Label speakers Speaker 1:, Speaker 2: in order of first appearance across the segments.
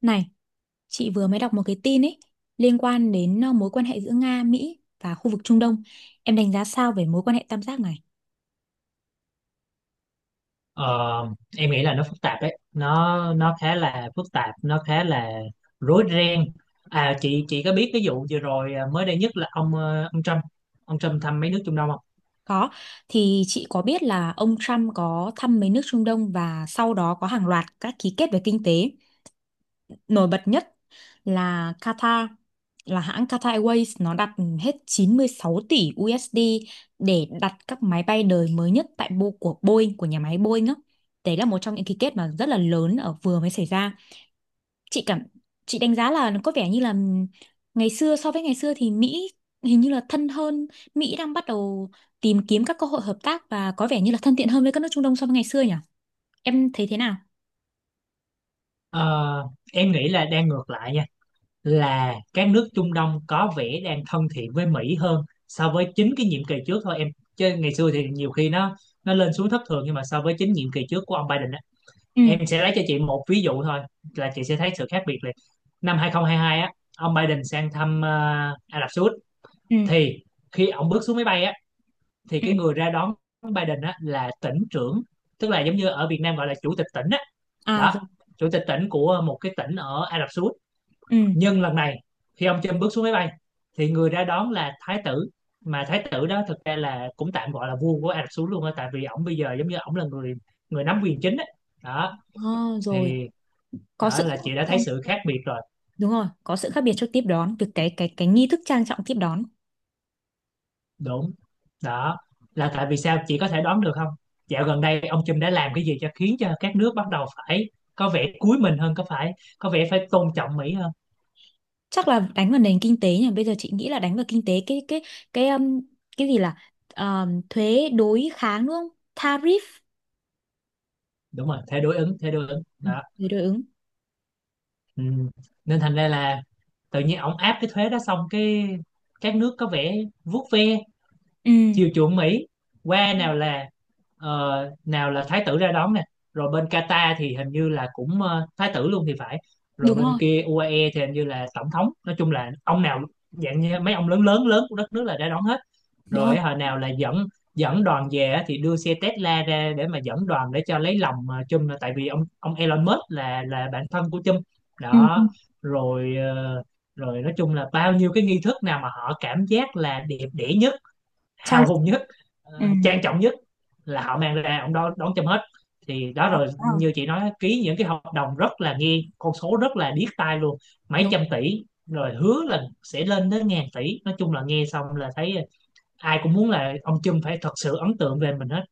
Speaker 1: Này, chị vừa mới đọc một cái tin ấy liên quan đến mối quan hệ giữa Nga, Mỹ và khu vực Trung Đông. Em đánh giá sao về mối quan hệ tam giác này?
Speaker 2: Ờ, em nghĩ là nó phức tạp đấy, nó khá là phức tạp, nó khá là rối ren. À, chị có biết cái vụ vừa rồi, mới đây nhất là ông ông Trump, ông Trump thăm mấy nước Trung Đông không?
Speaker 1: Có, thì chị có biết là ông Trump có thăm mấy nước Trung Đông và sau đó có hàng loạt các ký kết về kinh tế. Nổi bật nhất là Qatar, là hãng Qatar Airways nó đặt hết 96 tỷ USD để đặt các máy bay đời mới nhất tại Bo của Boeing của nhà máy Boeing á. Đấy là một trong những ký kết mà rất là lớn ở vừa mới xảy ra. chị cảm chị đánh giá là nó có vẻ như là ngày xưa so với ngày xưa thì Mỹ hình như là thân hơn. Mỹ đang bắt đầu tìm kiếm các cơ hội hợp tác và có vẻ như là thân thiện hơn với các nước Trung Đông so với ngày xưa nhỉ? Em thấy thế nào?
Speaker 2: Ờ, em nghĩ là đang ngược lại nha, là các nước Trung Đông có vẻ đang thân thiện với Mỹ hơn so với chính cái nhiệm kỳ trước thôi em, chứ ngày xưa thì nhiều khi nó lên xuống thất thường, nhưng mà so với chính nhiệm kỳ trước của ông Biden.
Speaker 1: Ừ.
Speaker 2: Em sẽ lấy cho chị một ví dụ thôi là chị sẽ thấy sự khác biệt liền. Năm 2022 á, ông Biden sang thăm Ả Rập Xê Út,
Speaker 1: Ừ.
Speaker 2: thì khi ông bước xuống máy bay á, thì
Speaker 1: Ừ.
Speaker 2: cái người ra đón Biden á là tỉnh trưởng, tức là giống như ở Việt Nam gọi là chủ tịch tỉnh á.
Speaker 1: À, rồi.
Speaker 2: Đó, chủ tịch tỉnh của một cái tỉnh ở Ả Rập Xê Út.
Speaker 1: Ừ.
Speaker 2: Nhưng lần này khi ông Trump bước xuống máy bay, thì người ra đón là thái tử, mà thái tử đó thực ra là cũng tạm gọi là vua của Ả Rập Xê Út luôn á, tại vì ổng bây giờ giống như ổng là người người nắm quyền chính á. Đó
Speaker 1: À, rồi,
Speaker 2: thì
Speaker 1: có sự
Speaker 2: đó là
Speaker 1: khác
Speaker 2: chị đã
Speaker 1: biệt
Speaker 2: thấy
Speaker 1: trong
Speaker 2: sự khác biệt rồi.
Speaker 1: Đúng rồi, có sự khác biệt trong tiếp đón, việc cái cái nghi thức trang trọng tiếp đón.
Speaker 2: Đúng, đó là tại vì sao chị có thể đoán được không? Dạo gần đây ông Trump đã làm cái gì cho khiến cho các nước bắt đầu phải có vẻ cúi mình hơn, có phải có vẻ phải tôn trọng Mỹ hơn?
Speaker 1: Chắc là đánh vào nền kinh tế nhỉ? Bây giờ chị nghĩ là đánh vào kinh tế, cái cái cái gì là thuế đối kháng, đúng không? Tariff.
Speaker 2: Đúng rồi, thế đối ứng, thế đối ứng
Speaker 1: Ừ,
Speaker 2: đó.
Speaker 1: thuế đối ứng.
Speaker 2: Ừ. Nên thành ra là tự nhiên ông áp cái thuế đó xong cái các nước có vẻ vuốt ve
Speaker 1: Ừ.
Speaker 2: chiều chuộng Mỹ qua,
Speaker 1: Ừ.
Speaker 2: nào là nào là thái tử ra đón nè, rồi bên Qatar thì hình như là cũng thái tử luôn thì phải, rồi
Speaker 1: Đúng
Speaker 2: bên
Speaker 1: rồi.
Speaker 2: kia UAE thì hình như là tổng thống, nói chung là ông nào dạng như mấy ông lớn lớn lớn của đất nước là ra đón hết.
Speaker 1: Đúng rồi.
Speaker 2: Rồi hồi nào là dẫn dẫn đoàn về á, thì đưa xe Tesla ra để mà dẫn đoàn, để cho lấy lòng Trump, tại vì ông Elon Musk là bạn thân của Trump.
Speaker 1: Ừ. Ừ.
Speaker 2: Đó, rồi rồi nói chung là bao nhiêu cái nghi thức nào mà họ cảm giác là đẹp đẽ nhất,
Speaker 1: trang
Speaker 2: hào hùng nhất,
Speaker 1: ừ.
Speaker 2: trang trọng nhất, là họ mang ra ông đó đón châm hết. Thì đó,
Speaker 1: Ờ,
Speaker 2: rồi
Speaker 1: đúng rồi.
Speaker 2: như chị nói, ký những cái hợp đồng rất là, nghe con số rất là điếc tai luôn, mấy
Speaker 1: Đúng.
Speaker 2: trăm tỷ rồi hứa là sẽ lên đến ngàn tỷ, nói chung là nghe xong là thấy ai cũng muốn là ông Trump phải thật sự ấn tượng về mình hết.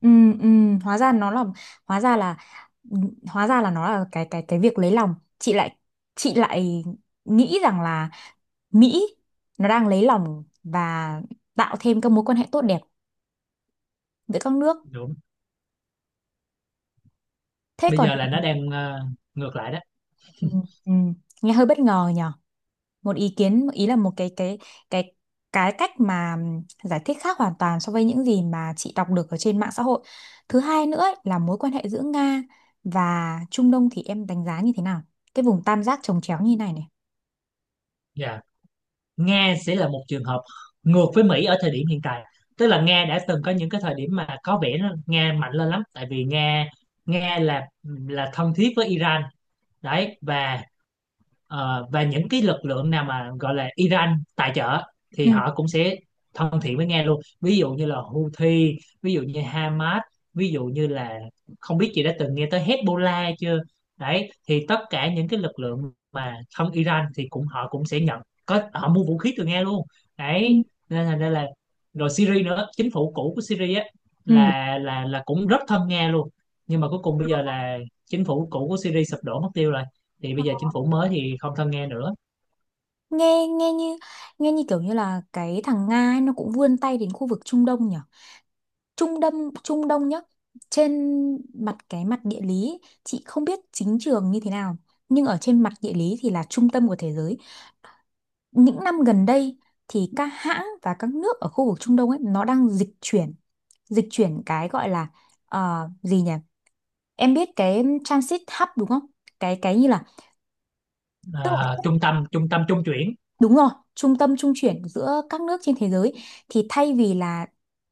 Speaker 1: Ừ. Ừ. hóa ra nó là hóa ra là Ừ, hóa ra là nó là cái cái việc lấy lòng. Chị lại nghĩ rằng là Mỹ nó đang lấy lòng và tạo thêm các mối quan hệ tốt đẹp giữa các nước.
Speaker 2: Đúng,
Speaker 1: Thế
Speaker 2: bây
Speaker 1: còn,
Speaker 2: giờ là nó đang ngược lại đó.
Speaker 1: ừ, ừ, nghe hơi bất ngờ nhỉ? Một ý kiến, ý là một cái cái cái cách mà giải thích khác hoàn toàn so với những gì mà chị đọc được ở trên mạng xã hội. Thứ hai nữa ấy, là mối quan hệ giữa Nga và Trung Đông thì em đánh giá như thế nào? Cái vùng tam giác chồng chéo như này này.
Speaker 2: Dạ, Nga sẽ là một trường hợp ngược với Mỹ ở thời điểm hiện tại, tức là Nga đã từng có những cái thời điểm mà có vẻ nó, Nga mạnh lên lắm, tại vì Nga Nga là thân thiết với Iran. Đấy, và ờ, và những cái lực lượng nào mà gọi là Iran tài trợ thì
Speaker 1: Ừ.
Speaker 2: họ cũng sẽ thân thiện với Nga luôn, ví dụ như là Houthi, ví dụ như Hamas, ví dụ như là, không biết chị đã từng nghe tới Hezbollah chưa. Đấy, thì tất cả những cái lực lượng mà thân Iran thì cũng họ cũng sẽ nhận có, họ mua vũ khí từ Nga luôn.
Speaker 1: Ừ.
Speaker 2: Đấy, nên là rồi Syria nữa, chính phủ cũ của Syria á,
Speaker 1: Ừ.
Speaker 2: là cũng rất thân Nga luôn. Nhưng mà cuối cùng bây giờ là chính phủ cũ của Syria sụp đổ mất tiêu rồi, thì bây giờ chính phủ mới thì không thân nghe nữa.
Speaker 1: Nghe nghe như Nghe như kiểu như là cái thằng Nga ấy, nó cũng vươn tay đến khu vực Trung Đông nhỉ? Trung Đông Trung Đông nhá. Trên mặt Cái mặt địa lý chị không biết chính trường như thế nào, nhưng ở trên mặt địa lý thì là trung tâm của thế giới. Những năm gần đây thì các hãng và các nước ở khu vực Trung Đông ấy nó đang dịch chuyển cái gọi là gì nhỉ, em biết cái transit hub đúng không, cái như là, tức là,
Speaker 2: À, trung tâm, trung tâm trung chuyển.
Speaker 1: đúng rồi, trung tâm trung chuyển giữa các nước trên thế giới. Thì thay vì là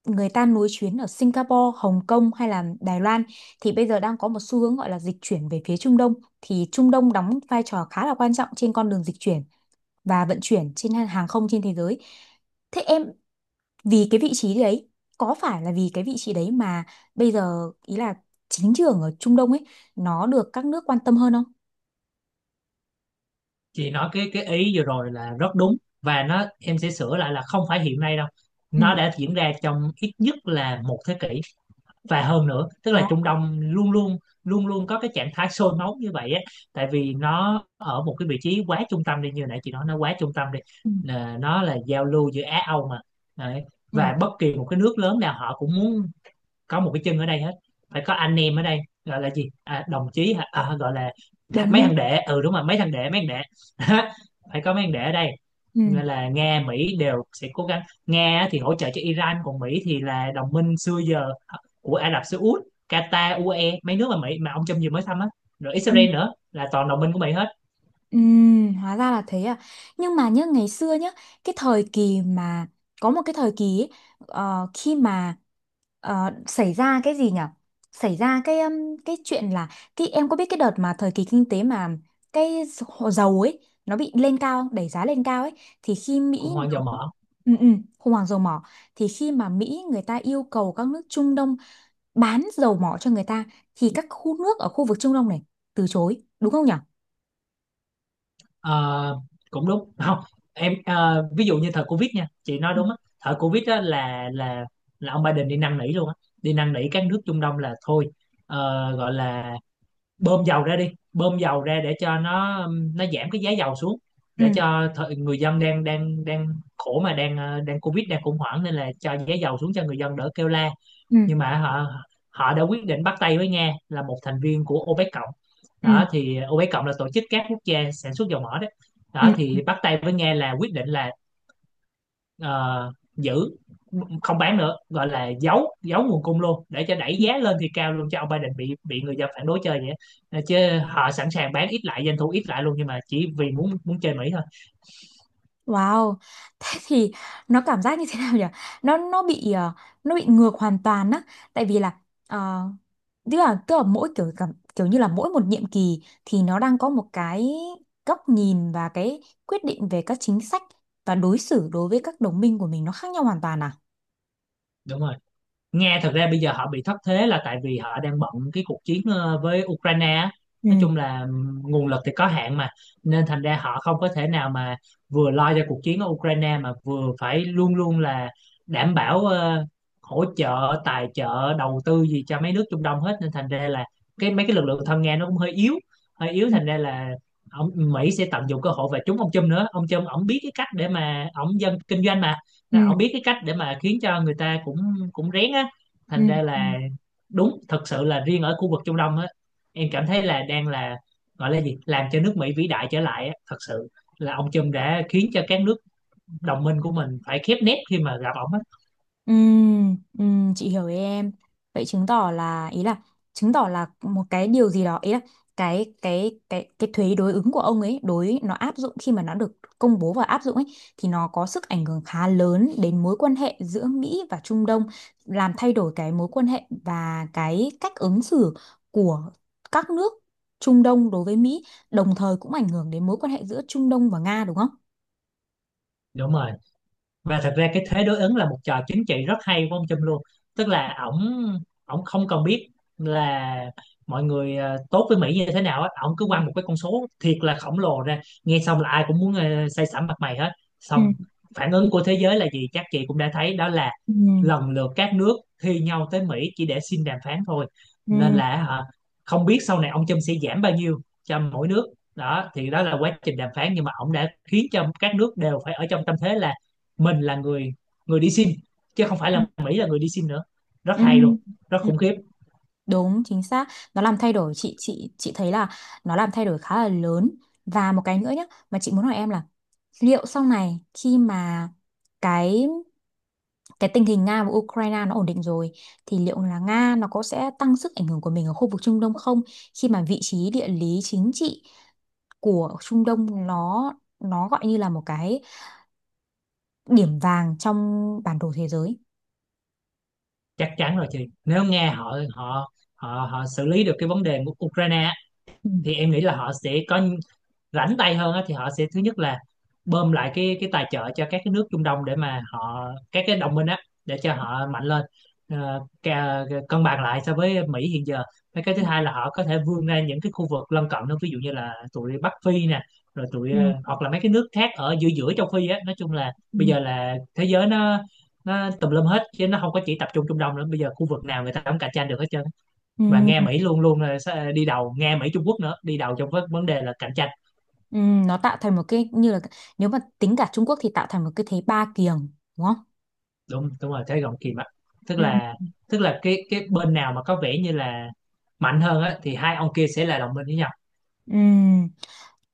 Speaker 1: người ta nối chuyến ở Singapore, Hồng Kông hay là Đài Loan, thì bây giờ đang có một xu hướng gọi là dịch chuyển về phía Trung Đông. Thì Trung Đông đóng vai trò khá là quan trọng trên con đường dịch chuyển và vận chuyển trên hàng không trên thế giới. Thế em, vì cái vị trí đấy có phải là vì cái vị trí đấy mà bây giờ ý là chính trường ở Trung Đông ấy nó được các nước quan tâm hơn không?
Speaker 2: Chị nói cái ý vừa rồi là rất đúng, và nó em sẽ sửa lại là không phải hiện nay đâu,
Speaker 1: Ừ.
Speaker 2: nó đã diễn ra trong ít nhất là một thế kỷ và hơn nữa, tức là
Speaker 1: Đó.
Speaker 2: Trung Đông luôn luôn, luôn luôn có cái trạng thái sôi máu như vậy á, tại vì nó ở một cái vị trí quá trung tâm đi, như nãy chị nói nó quá trung tâm đi.
Speaker 1: Ừ.
Speaker 2: Là nó là giao lưu giữa Á Âu mà. Đấy,
Speaker 1: Ừ.
Speaker 2: và bất kỳ một cái nước lớn nào họ cũng muốn có một cái chân ở đây hết, phải có anh em ở đây, gọi là gì à, đồng chí hả? À, gọi là
Speaker 1: Đồng
Speaker 2: mấy
Speaker 1: minh.
Speaker 2: thằng đệ, ừ đúng rồi mấy thằng đệ, mấy thằng đệ phải có mấy thằng đệ ở đây.
Speaker 1: Ừ.
Speaker 2: Nên là Nga Mỹ đều sẽ cố gắng, Nga thì hỗ trợ cho Iran, còn Mỹ thì là đồng minh xưa giờ à, của Ả Rập Xê Út, Qatar, UAE, mấy nước mà Mỹ mà ông Trump vừa mới thăm á, rồi
Speaker 1: Ừ.
Speaker 2: Israel nữa, là toàn đồng minh của Mỹ hết.
Speaker 1: Hóa ra là thế à. Nhưng mà nhớ ngày xưa nhá, cái thời kỳ mà có một cái thời kỳ ấy, khi mà xảy ra cái gì nhỉ? Xảy ra cái chuyện là, cái em có biết cái đợt mà thời kỳ kinh tế mà cái dầu ấy nó bị lên cao, đẩy giá lên cao ấy, thì khi Mỹ
Speaker 2: Khủng hoảng dầu
Speaker 1: nó,
Speaker 2: mỡ.
Speaker 1: ừ, ừ, khủng hoảng dầu mỏ, thì khi mà Mỹ người ta yêu cầu các nước Trung Đông bán dầu mỏ cho người ta, thì các khu nước ở khu vực Trung Đông này từ chối, đúng không nhỉ?
Speaker 2: Ờ, cũng đúng không, em ví dụ như thời Covid nha, chị nói đúng á, thời Covid á là ông Biden đi năn nỉ luôn á, đi năn nỉ các nước Trung Đông là thôi, gọi là bơm dầu ra đi, bơm dầu ra để cho nó giảm cái giá dầu xuống,
Speaker 1: Ừ.
Speaker 2: để cho thời, người dân đang đang đang khổ mà đang đang Covid, đang khủng hoảng, nên là cho giá dầu xuống cho người dân đỡ kêu la.
Speaker 1: Ừ.
Speaker 2: Nhưng mà họ họ đã quyết định bắt tay với Nga là một thành viên của OPEC cộng.
Speaker 1: Ừ,
Speaker 2: Đó thì OPEC cộng là tổ chức các quốc gia sản xuất dầu mỏ đó.
Speaker 1: ừ,
Speaker 2: Đó thì bắt tay với Nga là quyết định là ờ, giữ không bán nữa, gọi là giấu, giấu nguồn cung luôn, để cho đẩy
Speaker 1: ừ.
Speaker 2: giá lên thì cao luôn, cho ông Biden bị người dân phản đối chơi vậy á. Ờ, chứ họ sẵn sàng bán ít lại, doanh thu ít lại luôn, nhưng mà chỉ vì muốn muốn chơi Mỹ thôi.
Speaker 1: Wow. Thế thì nó cảm giác như thế nào nhỉ? Nó bị, nó bị ngược hoàn toàn á, tại vì là ờ, tức là mỗi kiểu cảm kiểu như là mỗi một nhiệm kỳ thì nó đang có một cái góc nhìn và cái quyết định về các chính sách và đối xử đối với các đồng minh của mình nó khác nhau hoàn toàn à?
Speaker 2: Đúng rồi, Nga thật ra bây giờ họ bị thất thế là tại vì họ đang bận cái cuộc chiến với Ukraine á.
Speaker 1: Ừ.
Speaker 2: Nói chung là nguồn lực thì có hạn mà, nên thành ra họ không có thể nào mà vừa lo cho cuộc chiến ở Ukraine mà vừa phải luôn luôn là đảm bảo hỗ trợ tài trợ đầu tư gì cho mấy nước Trung Đông hết, nên thành ra là cái mấy cái lực lượng thân Nga nó cũng hơi yếu, hơi yếu
Speaker 1: Ừ.
Speaker 2: thành ra là ông Mỹ sẽ tận dụng cơ hội, và trúng ông Trump nữa, ông Trump ổng biết cái cách để mà ổng, dân kinh doanh mà.
Speaker 1: Ừ.
Speaker 2: Nên ổng biết cái cách để mà khiến cho người ta cũng cũng rén á,
Speaker 1: Ừ.
Speaker 2: thành ra là đúng, thật sự là riêng ở khu vực Trung Đông á, em cảm thấy là đang là, gọi là gì, làm cho nước Mỹ vĩ đại trở lại á, thật sự là ông Trump đã khiến cho các nước đồng minh của mình phải khép nép khi mà gặp ổng á.
Speaker 1: Chị hiểu ý em. Vậy chứng tỏ là một cái điều gì đó, ý là cái thuế đối ứng của ông ấy nó áp dụng khi mà nó được công bố và áp dụng ấy, thì nó có sức ảnh hưởng khá lớn đến mối quan hệ giữa Mỹ và Trung Đông, làm thay đổi cái mối quan hệ và cái cách ứng xử của các nước Trung Đông đối với Mỹ, đồng thời cũng ảnh hưởng đến mối quan hệ giữa Trung Đông và Nga đúng không?
Speaker 2: Đúng rồi, và thật ra cái thế đối ứng là một trò chính trị rất hay của ông Trump luôn, tức là ổng, ổng không cần biết là mọi người tốt với Mỹ như thế nào á, ổng cứ
Speaker 1: Ừ.
Speaker 2: quăng một cái con số thiệt là khổng lồ ra, nghe xong là ai cũng muốn say sẩm mặt mày hết.
Speaker 1: Ừ.
Speaker 2: Xong phản ứng của thế giới là gì chắc chị cũng đã thấy đó, là
Speaker 1: Ừ.
Speaker 2: lần lượt các nước thi nhau tới Mỹ chỉ để xin đàm phán thôi. Nên
Speaker 1: Ừ.
Speaker 2: là hả, không biết sau này ông Trump sẽ giảm bao nhiêu cho mỗi nước, đó thì đó là quá trình đàm phán, nhưng mà ông đã khiến cho các nước đều phải ở trong tâm thế là mình là người người đi sim, chứ không phải là Mỹ là người đi sim nữa. Rất
Speaker 1: Ừ.
Speaker 2: hay luôn, rất
Speaker 1: Ừ.
Speaker 2: khủng khiếp.
Speaker 1: Đúng, chính xác. Nó làm thay đổi, chị thấy là nó làm thay đổi khá là lớn. Và một cái nữa nhé, mà chị muốn hỏi em là liệu sau này khi mà cái tình hình Nga và Ukraine nó ổn định rồi thì liệu là Nga nó có sẽ tăng sức ảnh hưởng của mình ở khu vực Trung Đông không? Khi mà vị trí địa lý chính trị của Trung Đông nó gọi như là một cái điểm vàng trong bản đồ thế giới.
Speaker 2: Chắc chắn rồi chị, nếu Nga họ họ họ họ xử lý được cái vấn đề của Ukraine á,
Speaker 1: Ừ.
Speaker 2: thì em nghĩ là họ sẽ có rảnh tay hơn á, thì họ sẽ thứ nhất là bơm lại cái tài trợ cho các cái nước Trung Đông, để mà họ các cái đồng minh á, để cho họ mạnh lên. Ờ, cân bằng lại so với Mỹ hiện giờ. Và cái thứ
Speaker 1: Ừ.
Speaker 2: hai là họ có thể vươn ra những cái khu vực lân cận đó, ví dụ như là tụi Bắc Phi nè, rồi tụi
Speaker 1: Ừ.
Speaker 2: hoặc là mấy cái nước khác ở giữa giữa châu Phi á, nói chung là
Speaker 1: Ừ.
Speaker 2: bây giờ là thế giới nó tùm lum hết, chứ nó không có chỉ tập trung Trung Đông nữa, bây giờ khu vực nào người ta cũng cạnh tranh được hết trơn.
Speaker 1: Ừ.
Speaker 2: Và nghe Mỹ luôn luôn là sẽ đi đầu, nghe Mỹ Trung Quốc nữa đi đầu trong vấn vấn đề là cạnh tranh.
Speaker 1: Ừ, nó tạo thành một cái như là, nếu mà tính cả Trung Quốc thì tạo thành một cái thế ba kiềng đúng không?
Speaker 2: Đúng, đúng rồi, thế gọng kìm ạ. tức
Speaker 1: Ừ.
Speaker 2: là tức là cái bên nào mà có vẻ như là mạnh hơn á thì hai ông kia sẽ là đồng minh với nhau.
Speaker 1: Ừ,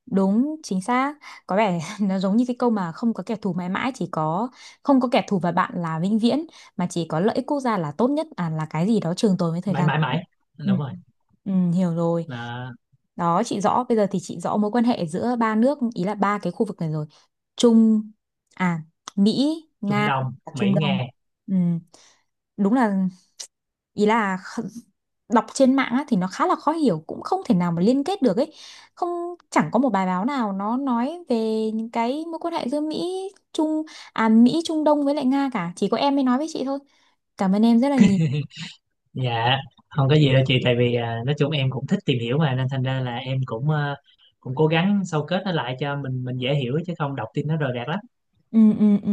Speaker 1: đúng chính xác. Có vẻ nó giống như cái câu mà không có kẻ thù mãi mãi chỉ có không có kẻ thù và bạn là vĩnh viễn, mà chỉ có lợi ích quốc gia là tốt nhất, à, là cái gì đó trường tồn với thời
Speaker 2: Mãi
Speaker 1: gian.
Speaker 2: mãi mãi,
Speaker 1: Ừ.
Speaker 2: đúng rồi,
Speaker 1: Ừ, hiểu rồi.
Speaker 2: là
Speaker 1: Đó, chị rõ, bây giờ thì chị rõ mối quan hệ giữa ba nước, ý là ba cái khu vực này rồi. Trung, à, Mỹ,
Speaker 2: Trung
Speaker 1: Nga
Speaker 2: Đông
Speaker 1: và Trung
Speaker 2: Mỹ
Speaker 1: Đông.
Speaker 2: Nga.
Speaker 1: Ừ, đúng là, ý là, đọc trên mạng á thì nó khá là khó hiểu, cũng không thể nào mà liên kết được ấy, không, chẳng có một bài báo nào nó nói về những cái mối quan hệ giữa Trung Mỹ Trung Đông với lại Nga cả, chỉ có em mới nói với chị thôi. Cảm ơn em rất là nhiều.
Speaker 2: Dạ, không có gì đâu chị, tại vì à, nói chung em cũng thích tìm hiểu mà, nên thành ra là em cũng à, cũng cố gắng sâu kết nó lại cho mình dễ hiểu, chứ không đọc tin nó rời rạc lắm.
Speaker 1: Ừ. Ừ. Ừ.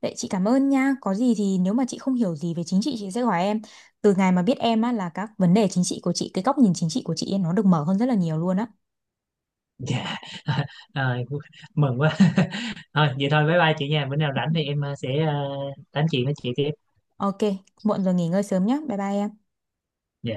Speaker 1: Vậy chị cảm ơn nha, có gì thì nếu mà chị không hiểu gì về chính trị chị sẽ hỏi em. Từ ngày mà biết em á, là các vấn đề chính trị của chị cái góc nhìn chính trị của chị ấy, nó được mở hơn rất là nhiều luôn á.
Speaker 2: Dạ. Rồi, mừng quá. Thôi vậy thôi, bye bye chị nha, bữa nào rảnh thì em à, sẽ à, tám chuyện với chị tiếp.
Speaker 1: Ok, muộn rồi, nghỉ ngơi sớm nhé, bye bye em.
Speaker 2: Dạ.